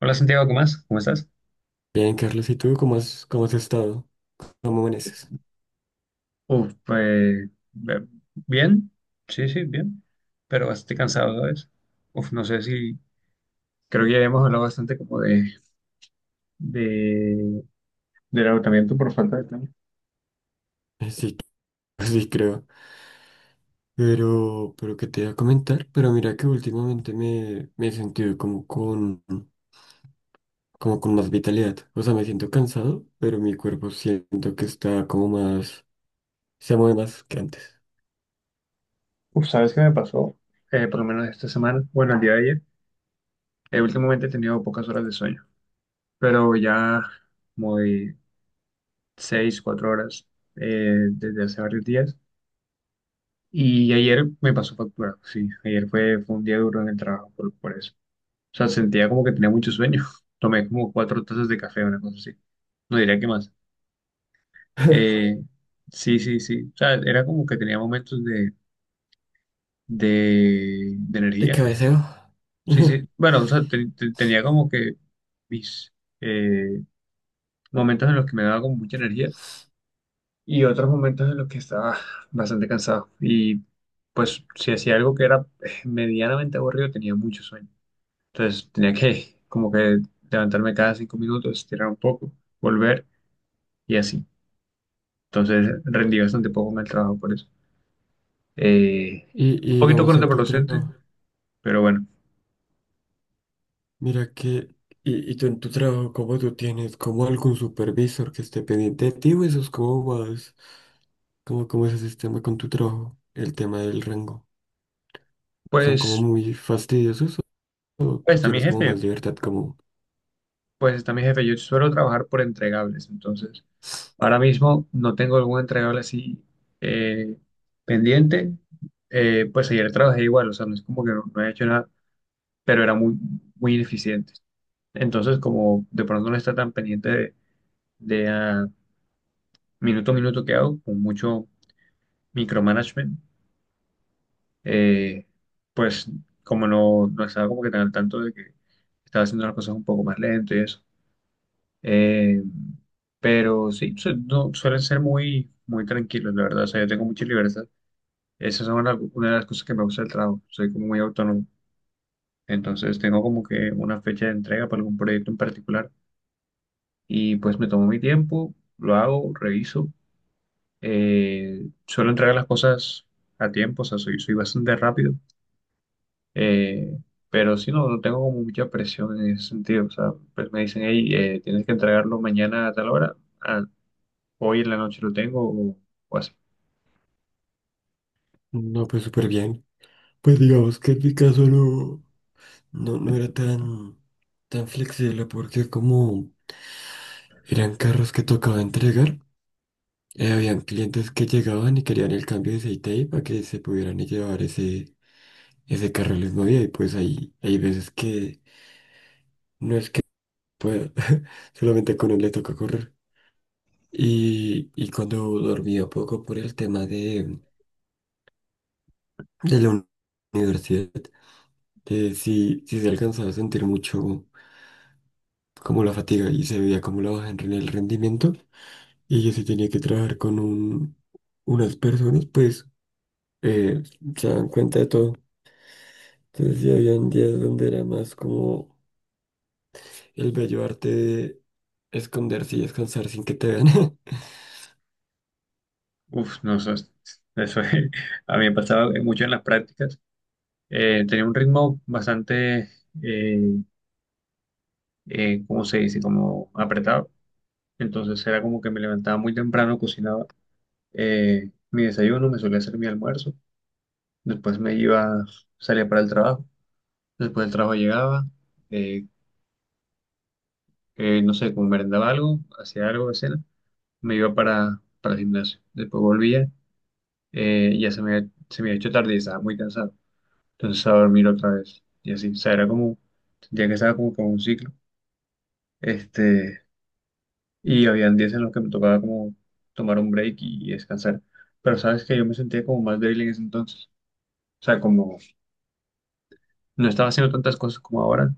Hola Santiago, ¿qué más? ¿Cómo estás? Bien, Carlos, ¿y tú cómo has estado? ¿Cómo amaneces? Uf, pues bien, sí, sí, bien, pero bastante cansado, ¿sabes? Uf, no sé si. Creo que ya hemos hablado bastante como de, de, del agotamiento por falta de tiempo. Sí, sí creo. Pero qué te iba a comentar, pero mira que últimamente me he sentido como con más vitalidad. O sea, me siento cansado, pero mi cuerpo siento que está como más, se mueve más que antes. Uf, ¿sabes qué me pasó? Por lo menos esta semana, bueno, el día de ayer, últimamente he tenido pocas horas de sueño, pero ya como de 6, 4 horas desde hace varios días. Y ayer me pasó factura, sí, ayer fue un día duro en el trabajo por eso. O sea, sentía como que tenía mucho sueño. Tomé como cuatro tazas de café, una cosa así. No diría que más. Eh, sí, sí, sí. O sea, era como que tenía momentos de De energía. cabeceo. Sí, sí. Bueno, o sea, tenía como que mis eh, momentos en los que me daba como mucha energía y otros momentos en los que estaba bastante cansado. Y pues si hacía algo que era medianamente aburrido, tenía mucho sueño. Entonces tenía que como que levantarme cada 5 minutos, estirar un poco, volver y así. Entonces rendí bastante poco en el trabajo por eso. Eh, Y, un y poquito digamos en tu contraproducente, trabajo, pero bueno, mira que, y tú en tu trabajo, ¿cómo tú tienes como algún supervisor que esté pendiente de ti o eso es como más? ¿Cómo, cómo es ese sistema con tu trabajo? El tema del rango. ¿Son como pues, muy fastidiosos o pues tú está mi tienes como más jefe, libertad? Como, pues está mi jefe. Yo suelo trabajar por entregables, entonces ahora mismo no tengo algún entregable así eh, pendiente. Pues ayer trabajé igual, o sea, no es como que no he hecho nada, pero era muy, muy ineficiente. Entonces, como de pronto no está tan pendiente de, de, ah, minuto a minuto que hago, con mucho micromanagement eh, pues como no estaba como que tan al tanto de que estaba haciendo las cosas un poco más lento y eso. Eh, pero sí, su- no, suelen ser muy, muy tranquilos, la verdad. O sea, yo tengo mucha libertad. Esas son una de las cosas que me gusta del trabajo. Soy como muy autónomo. Entonces tengo como que una fecha de entrega para algún proyecto en particular y pues me tomo mi tiempo, lo hago, reviso. Suelo entregar las cosas a tiempo, o sea, soy bastante rápido. Eh, pero sí, no tengo como mucha presión en ese sentido. O sea, pues me dicen, hey, tienes que entregarlo mañana a tal hora. Ah, hoy en la noche lo tengo o así. no, pues súper bien. Pues digamos que en mi caso no, era tan, tan flexible porque como eran carros que tocaba entregar, habían clientes que llegaban y querían el cambio de aceite ahí para que se pudieran llevar ese, ese carro el mismo día y pues ahí hay veces que no es que pueda, solamente con él le toca correr. Y cuando dormía poco por el tema de la universidad, sí, sí se alcanzaba a sentir mucho como la fatiga y se veía como la baja en el rendimiento. Y yo sí tenía que trabajar con unas personas, pues eh, se dan cuenta de todo. Entonces sí habían días donde era más como el bello arte de esconderse y descansar sin que te vean. Uf, no sé. eso es- a mí me pasaba mucho en las prácticas. Tenía un ritmo bastante, eh, ¿cómo se dice? Como apretado. Entonces era como que me levantaba muy temprano, cocinaba mi desayuno, me solía hacer mi almuerzo. Después me iba, salía para el trabajo. Después del trabajo llegaba eh, no sé, como merendaba algo, hacía algo de cena, me iba para el gimnasio. Después volvía, se me había hecho tarde y estaba muy cansado. Entonces a dormir otra vez. Y así, o sea, era como, sentía que estaba como con un ciclo. Este, y habían días en los que me tocaba como tomar un break y descansar. Pero sabes que yo me sentía como más débil en ese entonces. O sea, como no estaba haciendo tantas cosas como ahora,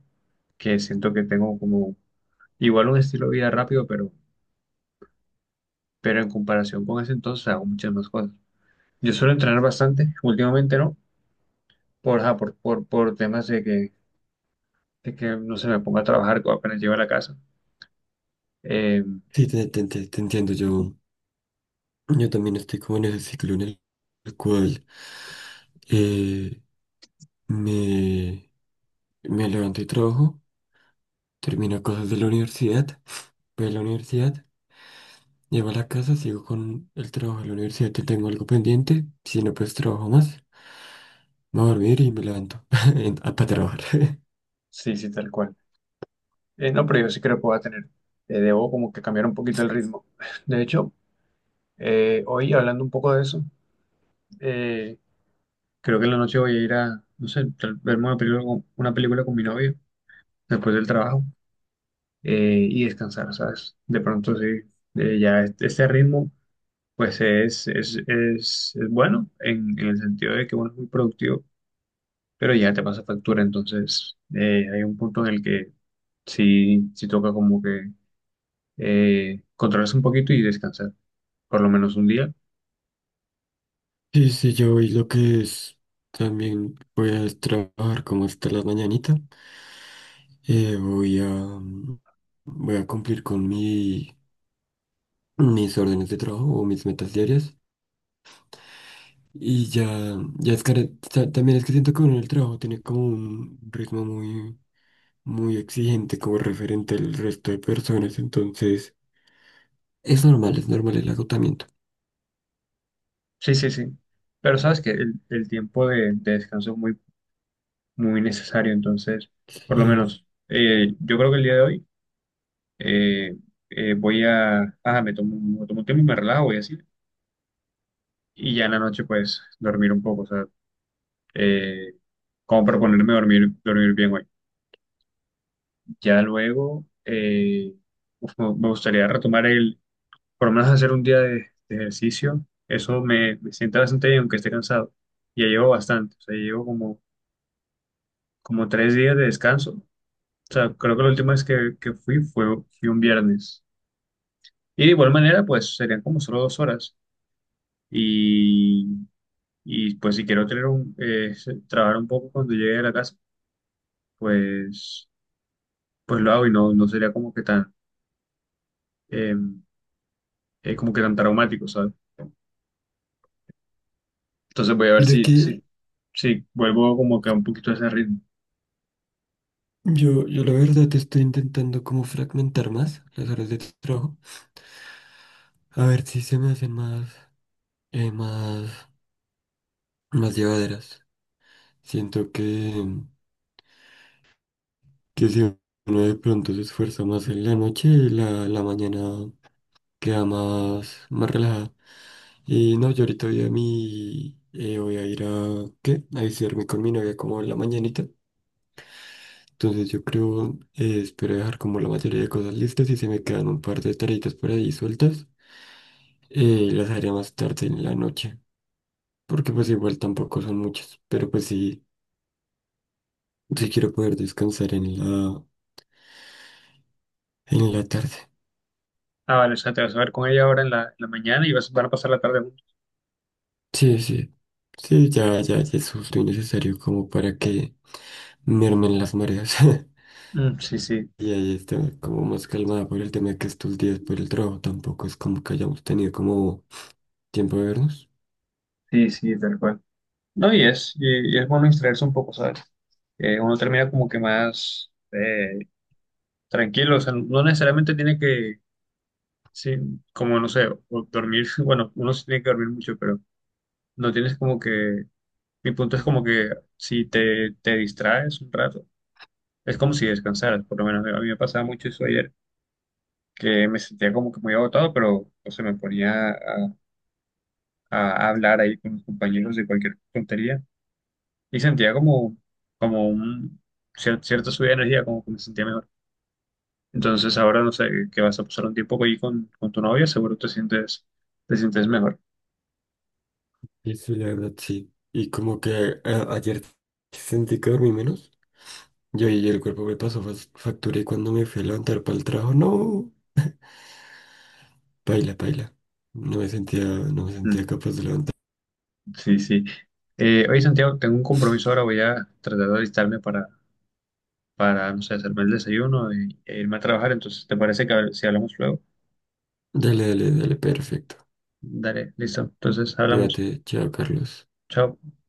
que siento que tengo como igual un estilo de vida rápido, pero en comparación con ese entonces hago muchas más cosas. Yo suelo entrenar bastante, últimamente no, ajá, por temas de de que no se me ponga a trabajar cuando apenas llego a la casa. Eh, Sí, te, te entiendo, yo también estoy como en ese ciclo en el cual... eh, me, me levanto y trabajo, termino cosas de la universidad, voy a la universidad, llego a la casa, sigo con el trabajo de la universidad que tengo algo pendiente, si no pues trabajo más, me voy a dormir y me levanto para trabajar. sí, sí, tal cual. No, pero yo sí creo que puedo tener. Debo como que cambiar un poquito el ritmo. De hecho, hoy hablando un poco de eso, eh, creo que en la noche voy a ir a, no sé, verme una película con mi novio después del trabajo y descansar, ¿sabes? De pronto sí, ya este ritmo. Pues es bueno en, el sentido de que bueno, es muy productivo, pero ya te pasa factura. Entonces, hay un punto en el que sí, sí toca como que controlarse un poquito y descansar, por lo menos un día. Sí, sí, yo voy lo que es, también voy a trabajar como hasta la mañanita, voy a, voy a cumplir con mi, mis órdenes de trabajo o mis metas diarias. Y ya, ya es que también es que siento que uno en el trabajo tiene como un ritmo muy, muy exigente como referente al resto de personas, entonces es normal el agotamiento. Sí, sí, sí. Pero sabes que el tiempo de descanso es muy, muy necesario. Entonces, por lo Sí. menos, yo creo que el día de hoy eh, me tomo un tiempo y me relajo y así. Y ya en la noche, pues, dormir un poco. O sea, eh, como para ponerme dormir bien hoy. Ya luego, uf, me gustaría retomar por lo menos hacer un día de ejercicio. Eso me sienta bastante bien, aunque esté cansado. Ya llevo bastante, o sea, llevo como 3 días de descanso. O sea, creo que la última vez que fui fue, fui un viernes. Y de igual manera, pues serían como solo 2 horas. Y, y pues si quiero tener trabajar un poco cuando llegue a la casa, pues, pues lo hago y no sería eh, como que tan traumático, ¿sabes? Entonces voy a ver Mira que si vuelvo como que a un poquito a ese ritmo. yo la verdad estoy intentando como fragmentar más las horas de trabajo, a ver si se me hacen más, eh, más, más llevaderas. Siento que si uno de pronto se esfuerza más en la noche, la mañana queda más, más relajada. Y no, yo ahorita voy a mi... voy a ir a... ¿Qué? A visitarme con mi novia como en la mañanita. Entonces yo creo, espero dejar como la mayoría de cosas listas y se me quedan un par de tareitas por ahí sueltas. Y las haré más tarde en la noche. Porque pues igual tampoco son muchas. Pero pues sí, sí quiero poder descansar en la tarde. Ah, vale, o sea, te vas a ver con ella ahora en en la mañana y van a pasar la tarde juntos. Sí, sí. Sí, ya, ya, ya es justo y necesario como para que mermen las mareas. Mm, sí, sí, Y ahí está como más calmada por el tema de que estos días por el trabajo tampoco es como que hayamos tenido como tiempo de vernos. sí, sí, tal cual. No, y es bueno distraerse un poco, ¿sabes? Uno termina como que más tranquilo, o sea, no necesariamente tiene que, sí, como no sé, o dormir, bueno, uno sí tiene que dormir mucho, pero no tienes como que, mi punto es como que si te distraes un rato, es como si descansaras, por lo menos a mí me pasaba mucho eso ayer, que me sentía como que muy agotado, pero no sé, me ponía a hablar ahí con mis compañeros de cualquier tontería y sentía como cierta subida de energía, como que me sentía mejor. Entonces ahora no sé, que vas a pasar un tiempo ahí con tu novia, seguro te sientes mejor. Y sí, la verdad sí. Y como que ayer sentí que dormí menos. Yo y el cuerpo me pasó factura y cuando me fui a levantar para el trabajo, no, paila, paila. No me sentía, no me Mm, sentía capaz de levantar. sí, sí. Oye, Santiago, tengo un compromiso ahora, voy a tratar de alistarme para, no sé, hacerme el desayuno e irme a trabajar, entonces, ¿te parece si hablamos luego? Dale, dale, dale, perfecto. Dale, listo. Entonces hablamos. Cuídate, chao, Carlos. Chao.